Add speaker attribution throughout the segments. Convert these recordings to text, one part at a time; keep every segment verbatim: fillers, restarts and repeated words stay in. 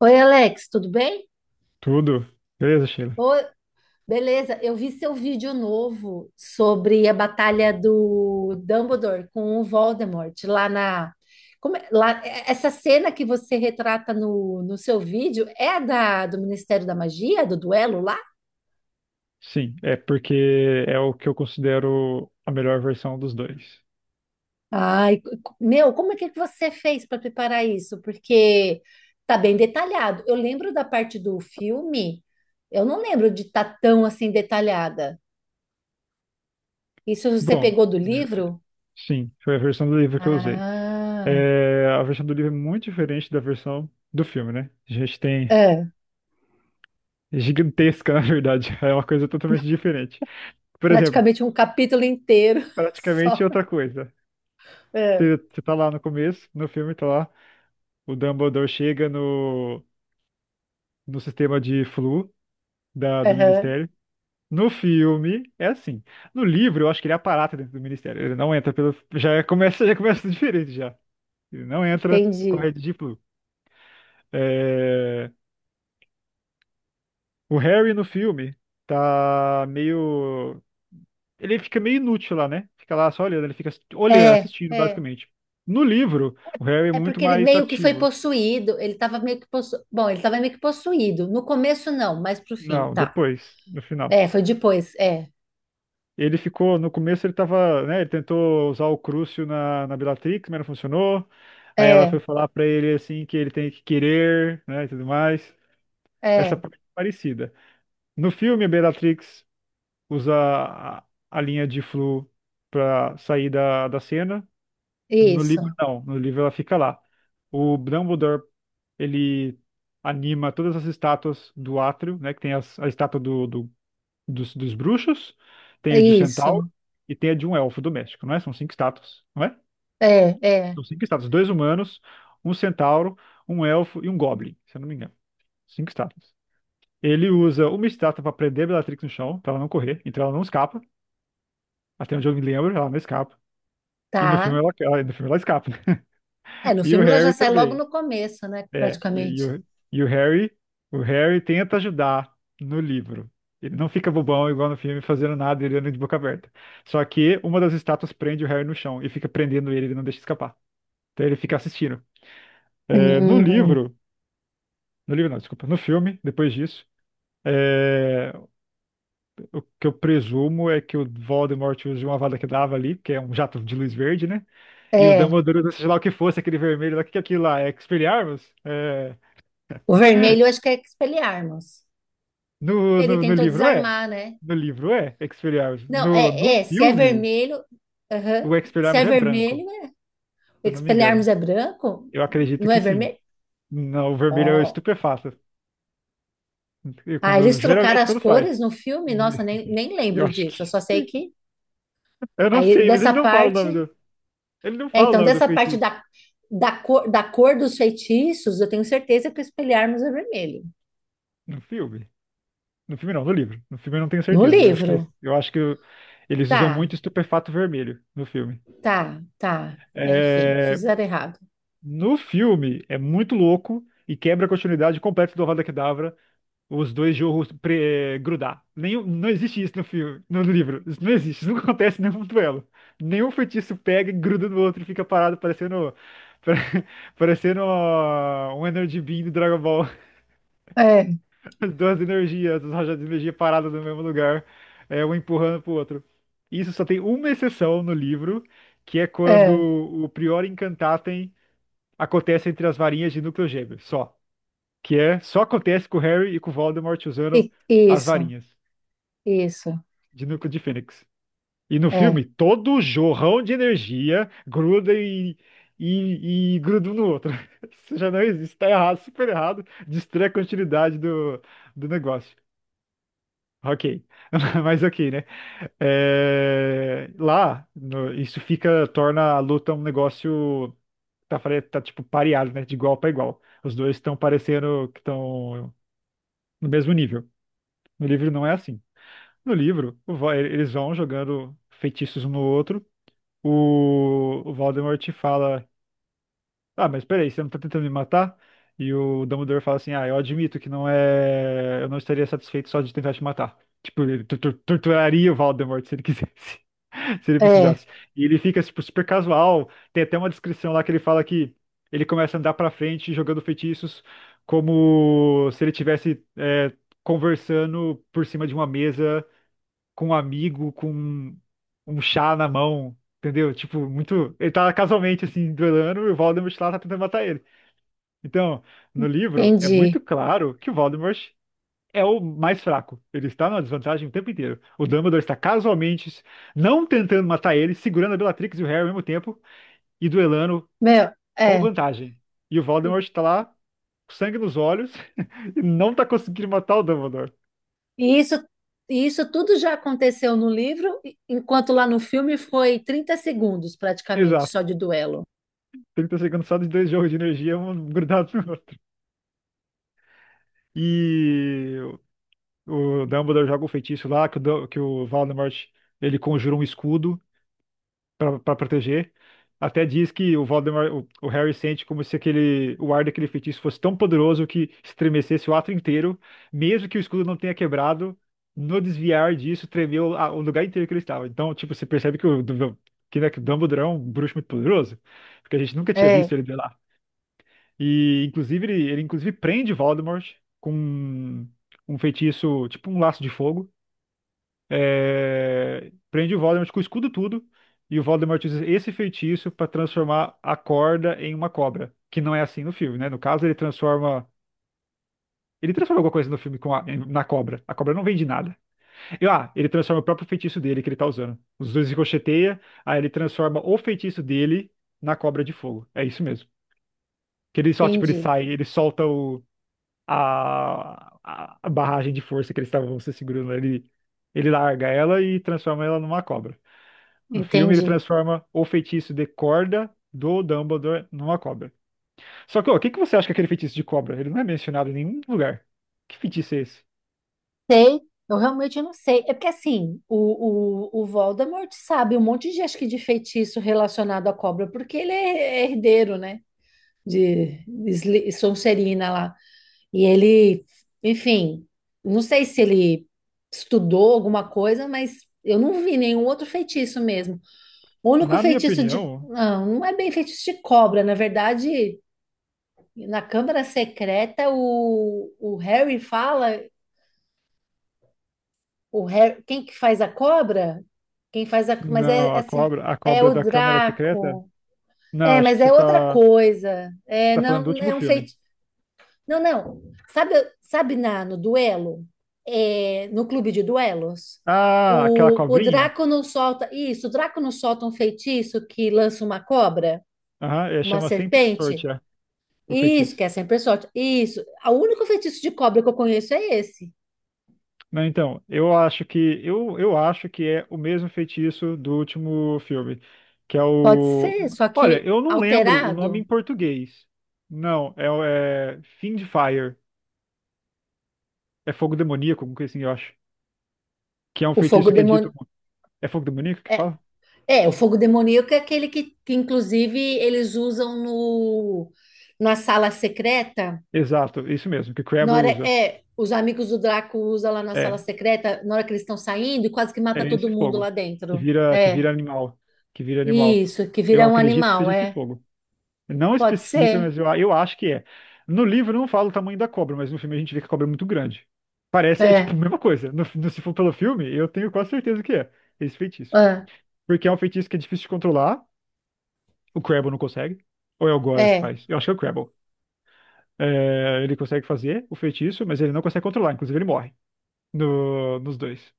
Speaker 1: Oi, Alex, tudo bem?
Speaker 2: Tudo? Beleza, Sheila?
Speaker 1: Oi, beleza, eu vi seu vídeo novo sobre a batalha do Dumbledore com o Voldemort lá na. Como é- lá, é- essa cena que você retrata no, no seu vídeo é a da, do Ministério da Magia, do duelo lá?
Speaker 2: Sim, é porque é o que eu considero a melhor versão dos dois.
Speaker 1: Ai, co- co- meu, como é que que você fez para preparar isso? Porque tá bem detalhado. Eu lembro da parte do filme, eu não lembro de estar tão assim detalhada. Isso você
Speaker 2: Bom,
Speaker 1: pegou do
Speaker 2: é,
Speaker 1: livro?
Speaker 2: sim, foi a versão do livro que eu usei.
Speaker 1: Ah,
Speaker 2: É, a versão do livro é muito diferente da versão do filme, né? A gente tem
Speaker 1: é,
Speaker 2: é gigantesca, na verdade. É uma coisa totalmente diferente. Por exemplo,
Speaker 1: praticamente um capítulo inteiro
Speaker 2: praticamente
Speaker 1: só.
Speaker 2: outra coisa.
Speaker 1: É,
Speaker 2: Você, você tá lá no começo, no filme tá lá, o Dumbledore chega no, no sistema de flu da, do
Speaker 1: aham,
Speaker 2: Ministério. No filme, é assim. No livro, eu acho que ele aparata dentro do ministério. Ele não entra pelo. Já é, começa, já começa diferente já. Ele não entra com a
Speaker 1: entendi.
Speaker 2: Red Deep Blue. É, o Harry no filme tá meio. Ele fica meio inútil lá, né? Fica lá só olhando, ele fica olhando,
Speaker 1: É,
Speaker 2: assistindo,
Speaker 1: é.
Speaker 2: basicamente. No livro, o Harry é
Speaker 1: É
Speaker 2: muito
Speaker 1: porque ele
Speaker 2: mais
Speaker 1: meio que foi
Speaker 2: ativo.
Speaker 1: possuído, ele tava meio que possu... Bom, ele tava meio que possuído. No começo não, mas pro fim,
Speaker 2: Não,
Speaker 1: tá.
Speaker 2: depois, no final.
Speaker 1: É, foi depois, é.
Speaker 2: Ele ficou, no começo ele tava, né, ele tentou usar o Crucio na, na Bellatrix, mas não funcionou. Aí ela
Speaker 1: É,
Speaker 2: foi falar pra ele, assim, que ele tem que querer, né, e tudo mais. Essa
Speaker 1: é.
Speaker 2: parte é parecida. No filme, a Bellatrix usa a, a linha de flu pra sair da, da cena. No livro,
Speaker 1: Isso.
Speaker 2: não. No livro ela fica lá. O Dumbledore, ele anima todas as estátuas do átrio, né, que tem as- a estátua do, do dos, dos bruxos, tem a de um centauro
Speaker 1: Isso.
Speaker 2: e tem a de um elfo doméstico, não é? São cinco estátuas, não é?
Speaker 1: É, é.
Speaker 2: São cinco estátuas, dois humanos, um centauro, um elfo e um goblin, se eu não me engano. Cinco estátuas. Ele usa uma estátua para prender a Bellatrix no chão, para ela não correr, então ela não escapa. Até onde eu me lembro, ela não escapa. E no
Speaker 1: Tá.
Speaker 2: filme ela, ela- no filme ela escapa, né?
Speaker 1: É, no
Speaker 2: E o
Speaker 1: filme ela já
Speaker 2: Harry
Speaker 1: sai logo
Speaker 2: também.
Speaker 1: no começo, né,
Speaker 2: É, e, e
Speaker 1: praticamente.
Speaker 2: o, e o Harry, o Harry tenta ajudar no livro. Ele não fica bobão igual no filme, fazendo nada, ele anda de boca aberta. Só que uma das estátuas prende o Harry no chão e fica prendendo ele, ele não deixa escapar. Então ele fica assistindo. É, no
Speaker 1: Hum,
Speaker 2: livro, no livro não, desculpa, no filme, depois disso, é, o que eu presumo é que o Voldemort use uma Avada Kedavra ali, que é um jato de luz verde, né? E o
Speaker 1: é.
Speaker 2: Dumbledore, usa, seja lá o que fosse, aquele vermelho lá, o que que é aquilo lá? É Expelliarmus? É...
Speaker 1: O vermelho eu acho que é Expelliarmus.
Speaker 2: No,
Speaker 1: Ele
Speaker 2: no, no
Speaker 1: tentou
Speaker 2: livro é.
Speaker 1: desarmar, né?
Speaker 2: No livro é Expelliarmus.
Speaker 1: Não,
Speaker 2: No, no
Speaker 1: é, é, se é
Speaker 2: filme,
Speaker 1: vermelho, aham,
Speaker 2: o
Speaker 1: se
Speaker 2: Expelliarmus
Speaker 1: é
Speaker 2: é branco,
Speaker 1: vermelho, é-
Speaker 2: se eu não me
Speaker 1: Expelliarmus
Speaker 2: engano.
Speaker 1: é branco,
Speaker 2: Eu acredito
Speaker 1: não é
Speaker 2: que sim.
Speaker 1: vermelho?
Speaker 2: Não, o vermelho é o
Speaker 1: Ó,
Speaker 2: estupefato. E
Speaker 1: ah, eles
Speaker 2: Quando,
Speaker 1: trocaram
Speaker 2: geralmente
Speaker 1: as
Speaker 2: quando faz.
Speaker 1: cores no filme? Nossa, nem, nem
Speaker 2: Eu
Speaker 1: lembro
Speaker 2: acho
Speaker 1: disso, eu
Speaker 2: que.
Speaker 1: só sei que,
Speaker 2: Eu não
Speaker 1: aí
Speaker 2: sei, mas
Speaker 1: dessa
Speaker 2: ele não fala o nome
Speaker 1: parte,
Speaker 2: do. Ele não
Speaker 1: é,
Speaker 2: fala o
Speaker 1: então
Speaker 2: nome do
Speaker 1: dessa parte
Speaker 2: feitiço.
Speaker 1: da, da cor, da cor dos feitiços, eu tenho certeza que o Expelliarmus é vermelho,
Speaker 2: No filme? No filme não, no livro. No filme eu não tenho
Speaker 1: no
Speaker 2: certeza. Eu acho que,
Speaker 1: livro,
Speaker 2: é- eu acho que eu- eles usam
Speaker 1: tá,
Speaker 2: muito estupefato vermelho no filme.
Speaker 1: tá, tá. É, enfim,
Speaker 2: É,
Speaker 1: fizeram errado.
Speaker 2: no filme é muito louco e quebra a continuidade completa do Avada Kedavra. Os dois jorros pre- é, grudar. Nenhum, não existe isso no filme, no livro. Isso não existe, isso não acontece em nenhum duelo. Nenhum feitiço pega e gruda no outro e fica parado parecendo pare- parecendo ó, um Energy Beam do Dragon Ball.
Speaker 1: É,
Speaker 2: As duas energias, as rajadas de energia paradas no mesmo lugar, é, um empurrando pro outro. Isso só tem uma exceção no livro, que é quando
Speaker 1: é,
Speaker 2: o Prior Incantatem acontece entre as varinhas de núcleo gêmeo, só. Que é, só acontece com o Harry e com o Voldemort usando
Speaker 1: e-
Speaker 2: as
Speaker 1: isso,
Speaker 2: varinhas.
Speaker 1: isso,
Speaker 2: de núcleo de Fênix. E no filme,
Speaker 1: é,
Speaker 2: todo o jorrão de energia gruda e, e, e gruda um no outro. Isso já não existe, tá errado, super errado. Destrói a continuidade do, do negócio. Ok, mas ok, né? É, lá, no- isso fica, torna a luta um negócio tá, fare- tá tipo pareado, né? De igual para igual. Os dois estão parecendo que estão no mesmo nível. No livro não é assim. No livro, o va- eles vão jogando feitiços um no outro, o, o Voldemort fala: Ah, mas peraí, você não tá tentando me matar? E o Dumbledore fala assim: Ah, eu admito que não é. Eu não estaria satisfeito só de tentar te matar. Tipo, ele tu- tu- torturaria o Voldemort se ele quisesse, se ele
Speaker 1: é,
Speaker 2: precisasse. E ele fica, tipo, super casual. Tem até uma descrição lá que ele fala que ele começa a andar pra frente jogando feitiços como se ele tivesse é, conversando por cima de uma mesa com um amigo, com um chá na mão, entendeu? Tipo, muito. Ele tá casualmente assim, duelando e o Voldemort lá tá tentando matar ele. Então, no livro, é
Speaker 1: entendi.
Speaker 2: muito claro que o Voldemort é o mais fraco. Ele está numa desvantagem o tempo inteiro. O Dumbledore está casualmente não tentando matar ele, segurando a Bellatrix e o Harry ao mesmo tempo e duelando
Speaker 1: Meu,
Speaker 2: com
Speaker 1: é.
Speaker 2: vantagem. E o Voldemort tá lá, com sangue nos olhos, e não tá conseguindo matar o Dumbledore.
Speaker 1: E isso, e isso tudo já aconteceu no livro, enquanto lá no filme foi trinta segundos praticamente
Speaker 2: Exato.
Speaker 1: só de duelo.
Speaker 2: trinta segundos só dos dois jogos de energia, um grudado no outro. E o Dumbledore joga o feitiço lá, que o, Dum- que o Voldemort, ele conjura um escudo para proteger. Até diz que o Voldemort, o, o Harry sente como se aquele, o ar daquele feitiço fosse tão poderoso que estremecesse o ato inteiro, mesmo que o escudo não tenha quebrado, no desviar disso tremeu a- o lugar inteiro que ele estava. Então, tipo, você percebe que o, Dum- que, né, que o Dumbledore é um bruxo muito poderoso, porque a gente nunca tinha visto
Speaker 1: É,
Speaker 2: ele, e inclusive ele, ele inclusive prende Voldemort com um um feitiço, tipo um laço de fogo. É, prende o Voldemort com o escudo tudo. E o Voldemort usa esse feitiço para transformar a corda em uma cobra, que não é assim no filme, né? No caso, ele transforma ele transforma alguma coisa no filme com a- na cobra. A cobra não vem de nada. E, ah, ele transforma o próprio feitiço dele que ele tá usando. Os dois ricocheteia, aí ele transforma o feitiço dele na cobra de fogo. É isso mesmo. Que ele só, tipo, ele
Speaker 1: entendi,
Speaker 2: sai, ele solta o a, a a barragem de força que eles estavam se segurando ali, ele larga ela e transforma ela numa cobra. No filme, ele
Speaker 1: entendi.
Speaker 2: transforma o feitiço de corda do Dumbledore numa cobra. Só que, ó, o que que você acha que é aquele feitiço de cobra? Ele não é mencionado em nenhum lugar. Que feitiço é esse?
Speaker 1: Sei, eu realmente não sei. É porque assim, o, o, o Voldemort sabe um monte de, acho que de feitiço relacionado à cobra, porque ele é herdeiro, né? De, de Sli- Sonserina lá. E ele, enfim, não sei se ele estudou alguma coisa, mas eu não vi nenhum outro feitiço mesmo. O único
Speaker 2: Na minha
Speaker 1: feitiço de.
Speaker 2: opinião,
Speaker 1: Não, não é bem feitiço de cobra. Na verdade, na Câmara Secreta, o, o Harry fala. O Harry, quem que faz a cobra? Quem faz a. Mas é,
Speaker 2: não,
Speaker 1: é,
Speaker 2: a
Speaker 1: cer-
Speaker 2: cobra, a
Speaker 1: é
Speaker 2: cobra
Speaker 1: o
Speaker 2: da Câmara Secreta?
Speaker 1: Draco.
Speaker 2: Não,
Speaker 1: É,
Speaker 2: acho
Speaker 1: mas
Speaker 2: que você
Speaker 1: é outra
Speaker 2: tá,
Speaker 1: coisa.
Speaker 2: você
Speaker 1: É,
Speaker 2: tá falando do
Speaker 1: não,
Speaker 2: último
Speaker 1: é um
Speaker 2: filme.
Speaker 1: feitiço. Não, não. Sabe, sabe na, no duelo? É, no clube de duelos?
Speaker 2: Ah, aquela
Speaker 1: O, o
Speaker 2: cobrinha?
Speaker 1: Draco não solta. Isso, o Draco não solta um feitiço que lança uma cobra,
Speaker 2: Aham, é,
Speaker 1: uma
Speaker 2: chama Sem por Sorte,
Speaker 1: serpente.
Speaker 2: é, o
Speaker 1: Isso,
Speaker 2: feitiço.
Speaker 1: que é sempre sorte. Isso. O único feitiço de cobra que eu conheço é esse.
Speaker 2: Não, então, eu acho que eu, eu acho que é o mesmo feitiço do último filme, que é
Speaker 1: Pode
Speaker 2: o.
Speaker 1: ser, só
Speaker 2: Olha,
Speaker 1: que
Speaker 2: eu não lembro o nome em
Speaker 1: alterado.
Speaker 2: português. Não, é, o- é Fiend Fire, é fogo demoníaco, alguma coisa assim, eu acho. Que é um
Speaker 1: O fogo
Speaker 2: feitiço que é dito.
Speaker 1: demônio.
Speaker 2: É fogo demoníaco que
Speaker 1: É,
Speaker 2: fala?
Speaker 1: é, o fogo demoníaco é aquele que, que inclusive, eles usam no, na sala secreta.
Speaker 2: Exato, isso mesmo, que Crabbe
Speaker 1: Na hora,
Speaker 2: usa.
Speaker 1: é, os amigos do Draco usam lá na sala
Speaker 2: É,
Speaker 1: secreta, na hora que eles estão saindo, quase que mata
Speaker 2: é
Speaker 1: todo
Speaker 2: esse
Speaker 1: mundo
Speaker 2: fogo
Speaker 1: lá
Speaker 2: que
Speaker 1: dentro.
Speaker 2: vira que
Speaker 1: É,
Speaker 2: vira animal, que vira animal.
Speaker 1: isso, que
Speaker 2: Eu
Speaker 1: vira um
Speaker 2: acredito que
Speaker 1: animal,
Speaker 2: seja esse
Speaker 1: é.
Speaker 2: fogo. Não
Speaker 1: Pode
Speaker 2: especifica,
Speaker 1: ser.
Speaker 2: mas eu, eu acho que é. No livro não fala o tamanho da cobra, mas no filme a gente vê que a cobra é muito grande. Parece, é tipo a
Speaker 1: É,
Speaker 2: mesma coisa. No, no- se for pelo filme, eu tenho quase certeza que é esse feitiço.
Speaker 1: é,
Speaker 2: Porque é um feitiço que é difícil de controlar, o Crabble não consegue. Ou é o Goyle que
Speaker 1: é.
Speaker 2: faz? Eu acho que é o Crabble. É, ele consegue fazer o feitiço, mas ele não consegue controlar, inclusive ele morre no- nos dois.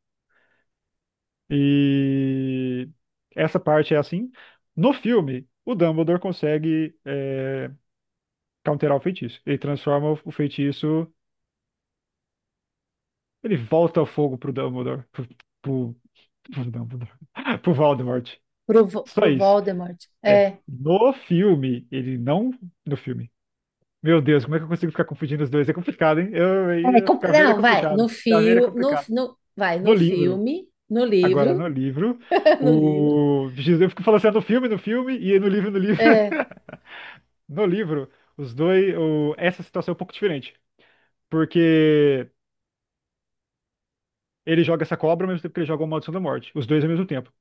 Speaker 2: E essa parte é assim. No filme, o Dumbledore consegue é, counterar o feitiço. Ele transforma o o feitiço Ele volta ao fogo pro Dumbledore. Pro, pro, pro Dumbledore. Pro Voldemort.
Speaker 1: Pro, Vo-
Speaker 2: Só
Speaker 1: pro
Speaker 2: isso.
Speaker 1: Voldemort.
Speaker 2: É.
Speaker 1: É.
Speaker 2: No filme, ele não. No filme. Meu Deus, como é que eu consigo ficar confundindo os dois? É complicado, hein? Eu,
Speaker 1: É,
Speaker 2: aí,
Speaker 1: com-
Speaker 2: ficar velho é
Speaker 1: não, vai,
Speaker 2: complicado.
Speaker 1: no
Speaker 2: Ficar velho é
Speaker 1: fio, no,
Speaker 2: complicado.
Speaker 1: no, vai,
Speaker 2: No
Speaker 1: no
Speaker 2: livro.
Speaker 1: filme, no
Speaker 2: Agora,
Speaker 1: livro,
Speaker 2: no livro,
Speaker 1: no livro,
Speaker 2: o. Jesus, eu fico falando assim: "Ah, no filme, no filme, e no livro, no livro".
Speaker 1: é,
Speaker 2: No livro, os dois. o- Essa situação é um pouco diferente. Porque ele joga essa cobra ao mesmo tempo que ele joga o Maldição da Morte. Os dois ao mesmo tempo.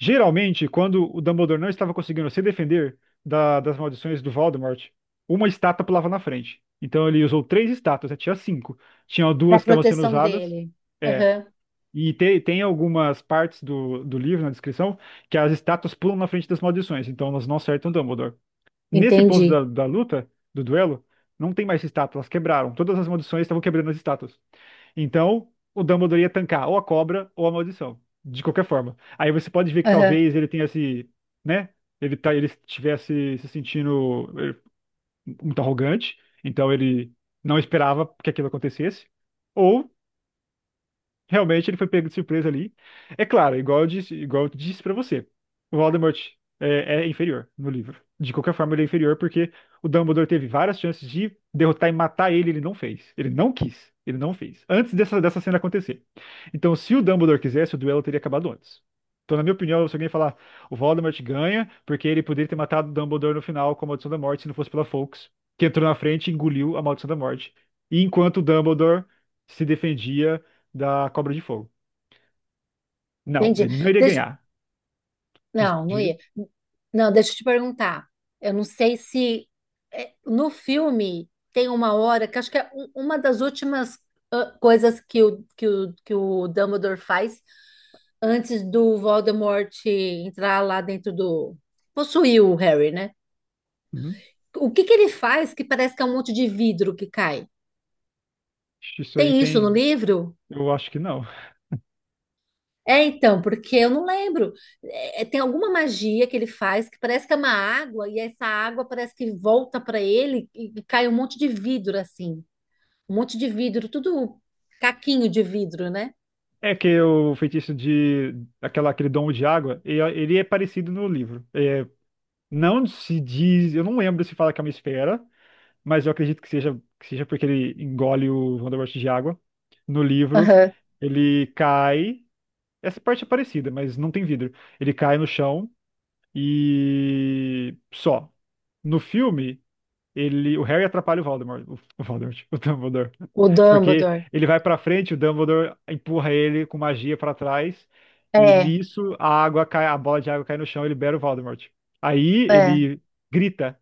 Speaker 2: Geralmente, quando o Dumbledore não estava conseguindo se defender da- das maldições do Voldemort, uma estátua pulava na frente. Então ele usou três estátuas, né? Tinha cinco. Tinha duas
Speaker 1: para
Speaker 2: que estavam sendo
Speaker 1: proteção
Speaker 2: usadas.
Speaker 1: dele.
Speaker 2: É.
Speaker 1: Aham,
Speaker 2: E te- tem algumas partes do, do livro, na descrição, que as estátuas pulam na frente das maldições. Então elas não acertam o Dumbledore. Nesse ponto
Speaker 1: entendi.
Speaker 2: da, da luta, do duelo, não tem mais estátuas, elas quebraram. Todas as maldições estavam quebrando as estátuas. Então, o Dumbledore ia tancar ou a cobra ou a maldição, de qualquer forma. Aí você pode ver que
Speaker 1: Aham,
Speaker 2: talvez ele tenha se, né? Ele, tá, ele estivesse se sentindo eh, muito arrogante, então ele não esperava que aquilo acontecesse. Ou realmente ele foi pego de surpresa ali. É claro, igual eu disse, igual eu disse para você, o Voldemort é, é inferior no livro. De qualquer forma, ele é inferior porque o Dumbledore teve várias chances de derrotar e matar ele, ele não fez. Ele não quis. Ele não fez. Antes dessa, dessa cena acontecer. Então, se o Dumbledore quisesse, o duelo teria acabado antes. Então, na minha opinião, se alguém falar o Voldemort ganha, porque ele poderia ter matado o Dumbledore no final com a Maldição da Morte, se não fosse pela Fawkes, que entrou na frente e engoliu a Maldição da Morte. E enquanto o Dumbledore se defendia da Cobra de Fogo. Não,
Speaker 1: entendi.
Speaker 2: ele não iria ganhar. Dis-
Speaker 1: Não, não
Speaker 2: Diga.
Speaker 1: ia. Não, deixa eu te perguntar. Eu não sei se é, no filme tem uma hora que acho que é um- uma das últimas ah, coisas que o, que o, que o Dumbledore faz antes do Voldemort entrar lá dentro do... Possuir o Harry, né?
Speaker 2: Uhum.
Speaker 1: O que que ele faz que parece que é um monte de vidro que cai?
Speaker 2: Isso aí
Speaker 1: Tem isso no
Speaker 2: tem.
Speaker 1: livro?
Speaker 2: Eu acho que não.
Speaker 1: É, então, porque eu não lembro. É, é, tem alguma magia que ele faz que parece que é uma água, e essa água parece que volta para ele e, e cai um monte de vidro, assim. Um monte de vidro, tudo caquinho de vidro, né?
Speaker 2: É que o feitiço de. Aquela, aquele domo de água, e- ele é parecido no livro. É, não se diz. Eu não lembro se fala que é uma esfera, mas eu acredito que seja, que seja, porque ele engole o Voldemort de água. No livro,
Speaker 1: Aham.
Speaker 2: ele cai. Essa parte é parecida, mas não tem vidro. Ele cai no chão e. Só. No filme. ele, o Harry atrapalha o Voldemort, o, o Voldemort, o Dumbledore,
Speaker 1: O
Speaker 2: porque
Speaker 1: Dumbledore.
Speaker 2: ele vai pra frente, o Dumbledore empurra ele com magia pra trás e
Speaker 1: É,
Speaker 2: nisso a água cai, a bola de água cai no chão, e libera o Voldemort. Aí
Speaker 1: é,
Speaker 2: ele grita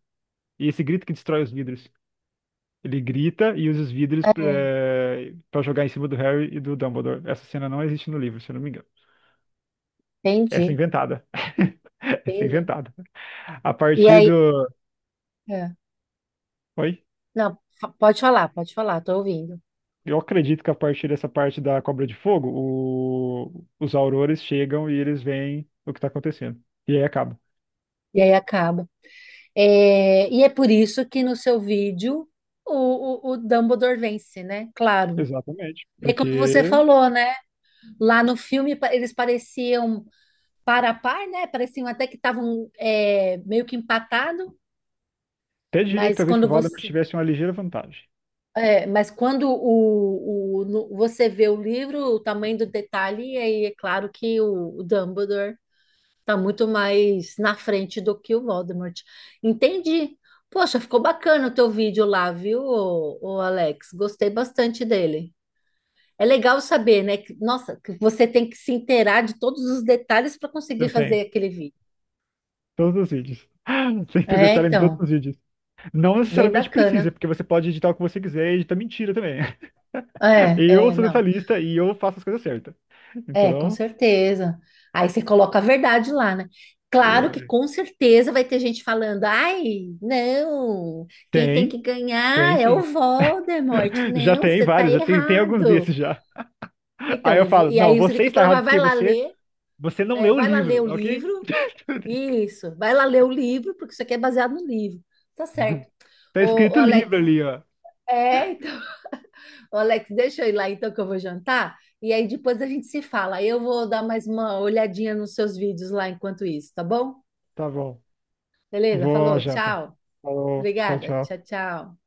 Speaker 2: e esse grito que destrói os vidros. Ele grita e usa os vidros
Speaker 1: é.
Speaker 2: eh, pra jogar em cima do Harry e do Dumbledore. Essa cena não existe no livro, se eu não me engano. Essa é
Speaker 1: Entendi,
Speaker 2: inventada. Essa é
Speaker 1: entendi.
Speaker 2: inventada. A
Speaker 1: E
Speaker 2: partir
Speaker 1: aí,
Speaker 2: do.
Speaker 1: é.
Speaker 2: Oi?
Speaker 1: Não, fa- pode falar, pode falar, tô ouvindo.
Speaker 2: Eu acredito que a partir dessa parte da Cobra de Fogo, o- os aurores chegam e eles veem o que está acontecendo. E aí acaba.
Speaker 1: E aí acaba. É, e é por isso que no seu vídeo o, o, o Dumbledore vence, né? Claro.
Speaker 2: Exatamente.
Speaker 1: É como você
Speaker 2: Porque
Speaker 1: falou, né? Lá no filme pa- eles pareciam par a par, né? Pareciam até que estavam é, meio que empatado,
Speaker 2: até diria que
Speaker 1: mas
Speaker 2: talvez que
Speaker 1: quando
Speaker 2: o Valdemar
Speaker 1: você
Speaker 2: tivesse uma ligeira vantagem.
Speaker 1: é, mas quando o, o- no- você vê o livro, o tamanho do detalhe, aí é claro que o, o Dumbledore está muito mais na frente do que o Voldemort. Entendi. Poxa, ficou bacana o teu vídeo lá, viu, ô, ô Alex? Gostei bastante dele. É legal saber, né? Que- nossa, que você tem que se inteirar de todos os detalhes para conseguir
Speaker 2: Eu
Speaker 1: fazer
Speaker 2: tenho.
Speaker 1: aquele vídeo.
Speaker 2: Todos os vídeos. Sem ter
Speaker 1: É,
Speaker 2: detalhe em todos
Speaker 1: então,
Speaker 2: os vídeos. Não
Speaker 1: bem
Speaker 2: necessariamente precisa,
Speaker 1: bacana.
Speaker 2: porque você pode editar o que você quiser e editar mentira também.
Speaker 1: É,
Speaker 2: Eu
Speaker 1: é,
Speaker 2: sou
Speaker 1: não.
Speaker 2: detalhista e eu faço as coisas certas.
Speaker 1: É, com
Speaker 2: Então,
Speaker 1: certeza. Aí você coloca a verdade lá, né? Claro que
Speaker 2: eu...
Speaker 1: com certeza vai ter gente falando: ai, não, quem tem que
Speaker 2: tem, tem
Speaker 1: ganhar é o
Speaker 2: sim.
Speaker 1: Voldemort.
Speaker 2: Já
Speaker 1: Não,
Speaker 2: tem
Speaker 1: você tá
Speaker 2: vários, já tem, tem alguns
Speaker 1: errado.
Speaker 2: desses já. Aí
Speaker 1: Então, e
Speaker 2: eu
Speaker 1: vo-
Speaker 2: falo,
Speaker 1: e
Speaker 2: não,
Speaker 1: aí você tem
Speaker 2: você
Speaker 1: que
Speaker 2: está
Speaker 1: provar,
Speaker 2: errado
Speaker 1: vai
Speaker 2: porque
Speaker 1: lá
Speaker 2: você,
Speaker 1: ler,
Speaker 2: você não
Speaker 1: é,
Speaker 2: leu o
Speaker 1: vai lá ler
Speaker 2: livro,
Speaker 1: o
Speaker 2: ok?
Speaker 1: livro. Isso. Vai lá ler o livro, porque isso aqui é baseado no livro. Tá certo.
Speaker 2: Tá
Speaker 1: Ô, ô,
Speaker 2: escrito
Speaker 1: Alex,
Speaker 2: livro ali, ó.
Speaker 1: é, então, ô, Alex, deixa eu ir lá então que eu vou jantar. E aí depois a gente se fala. Eu vou dar mais uma olhadinha nos seus vídeos lá enquanto isso, tá bom?
Speaker 2: Tá bom.
Speaker 1: Beleza?
Speaker 2: Vou à
Speaker 1: Falou,
Speaker 2: janta.
Speaker 1: tchau.
Speaker 2: Falou, tchau,
Speaker 1: Obrigada.
Speaker 2: tchau.
Speaker 1: Tchau, tchau.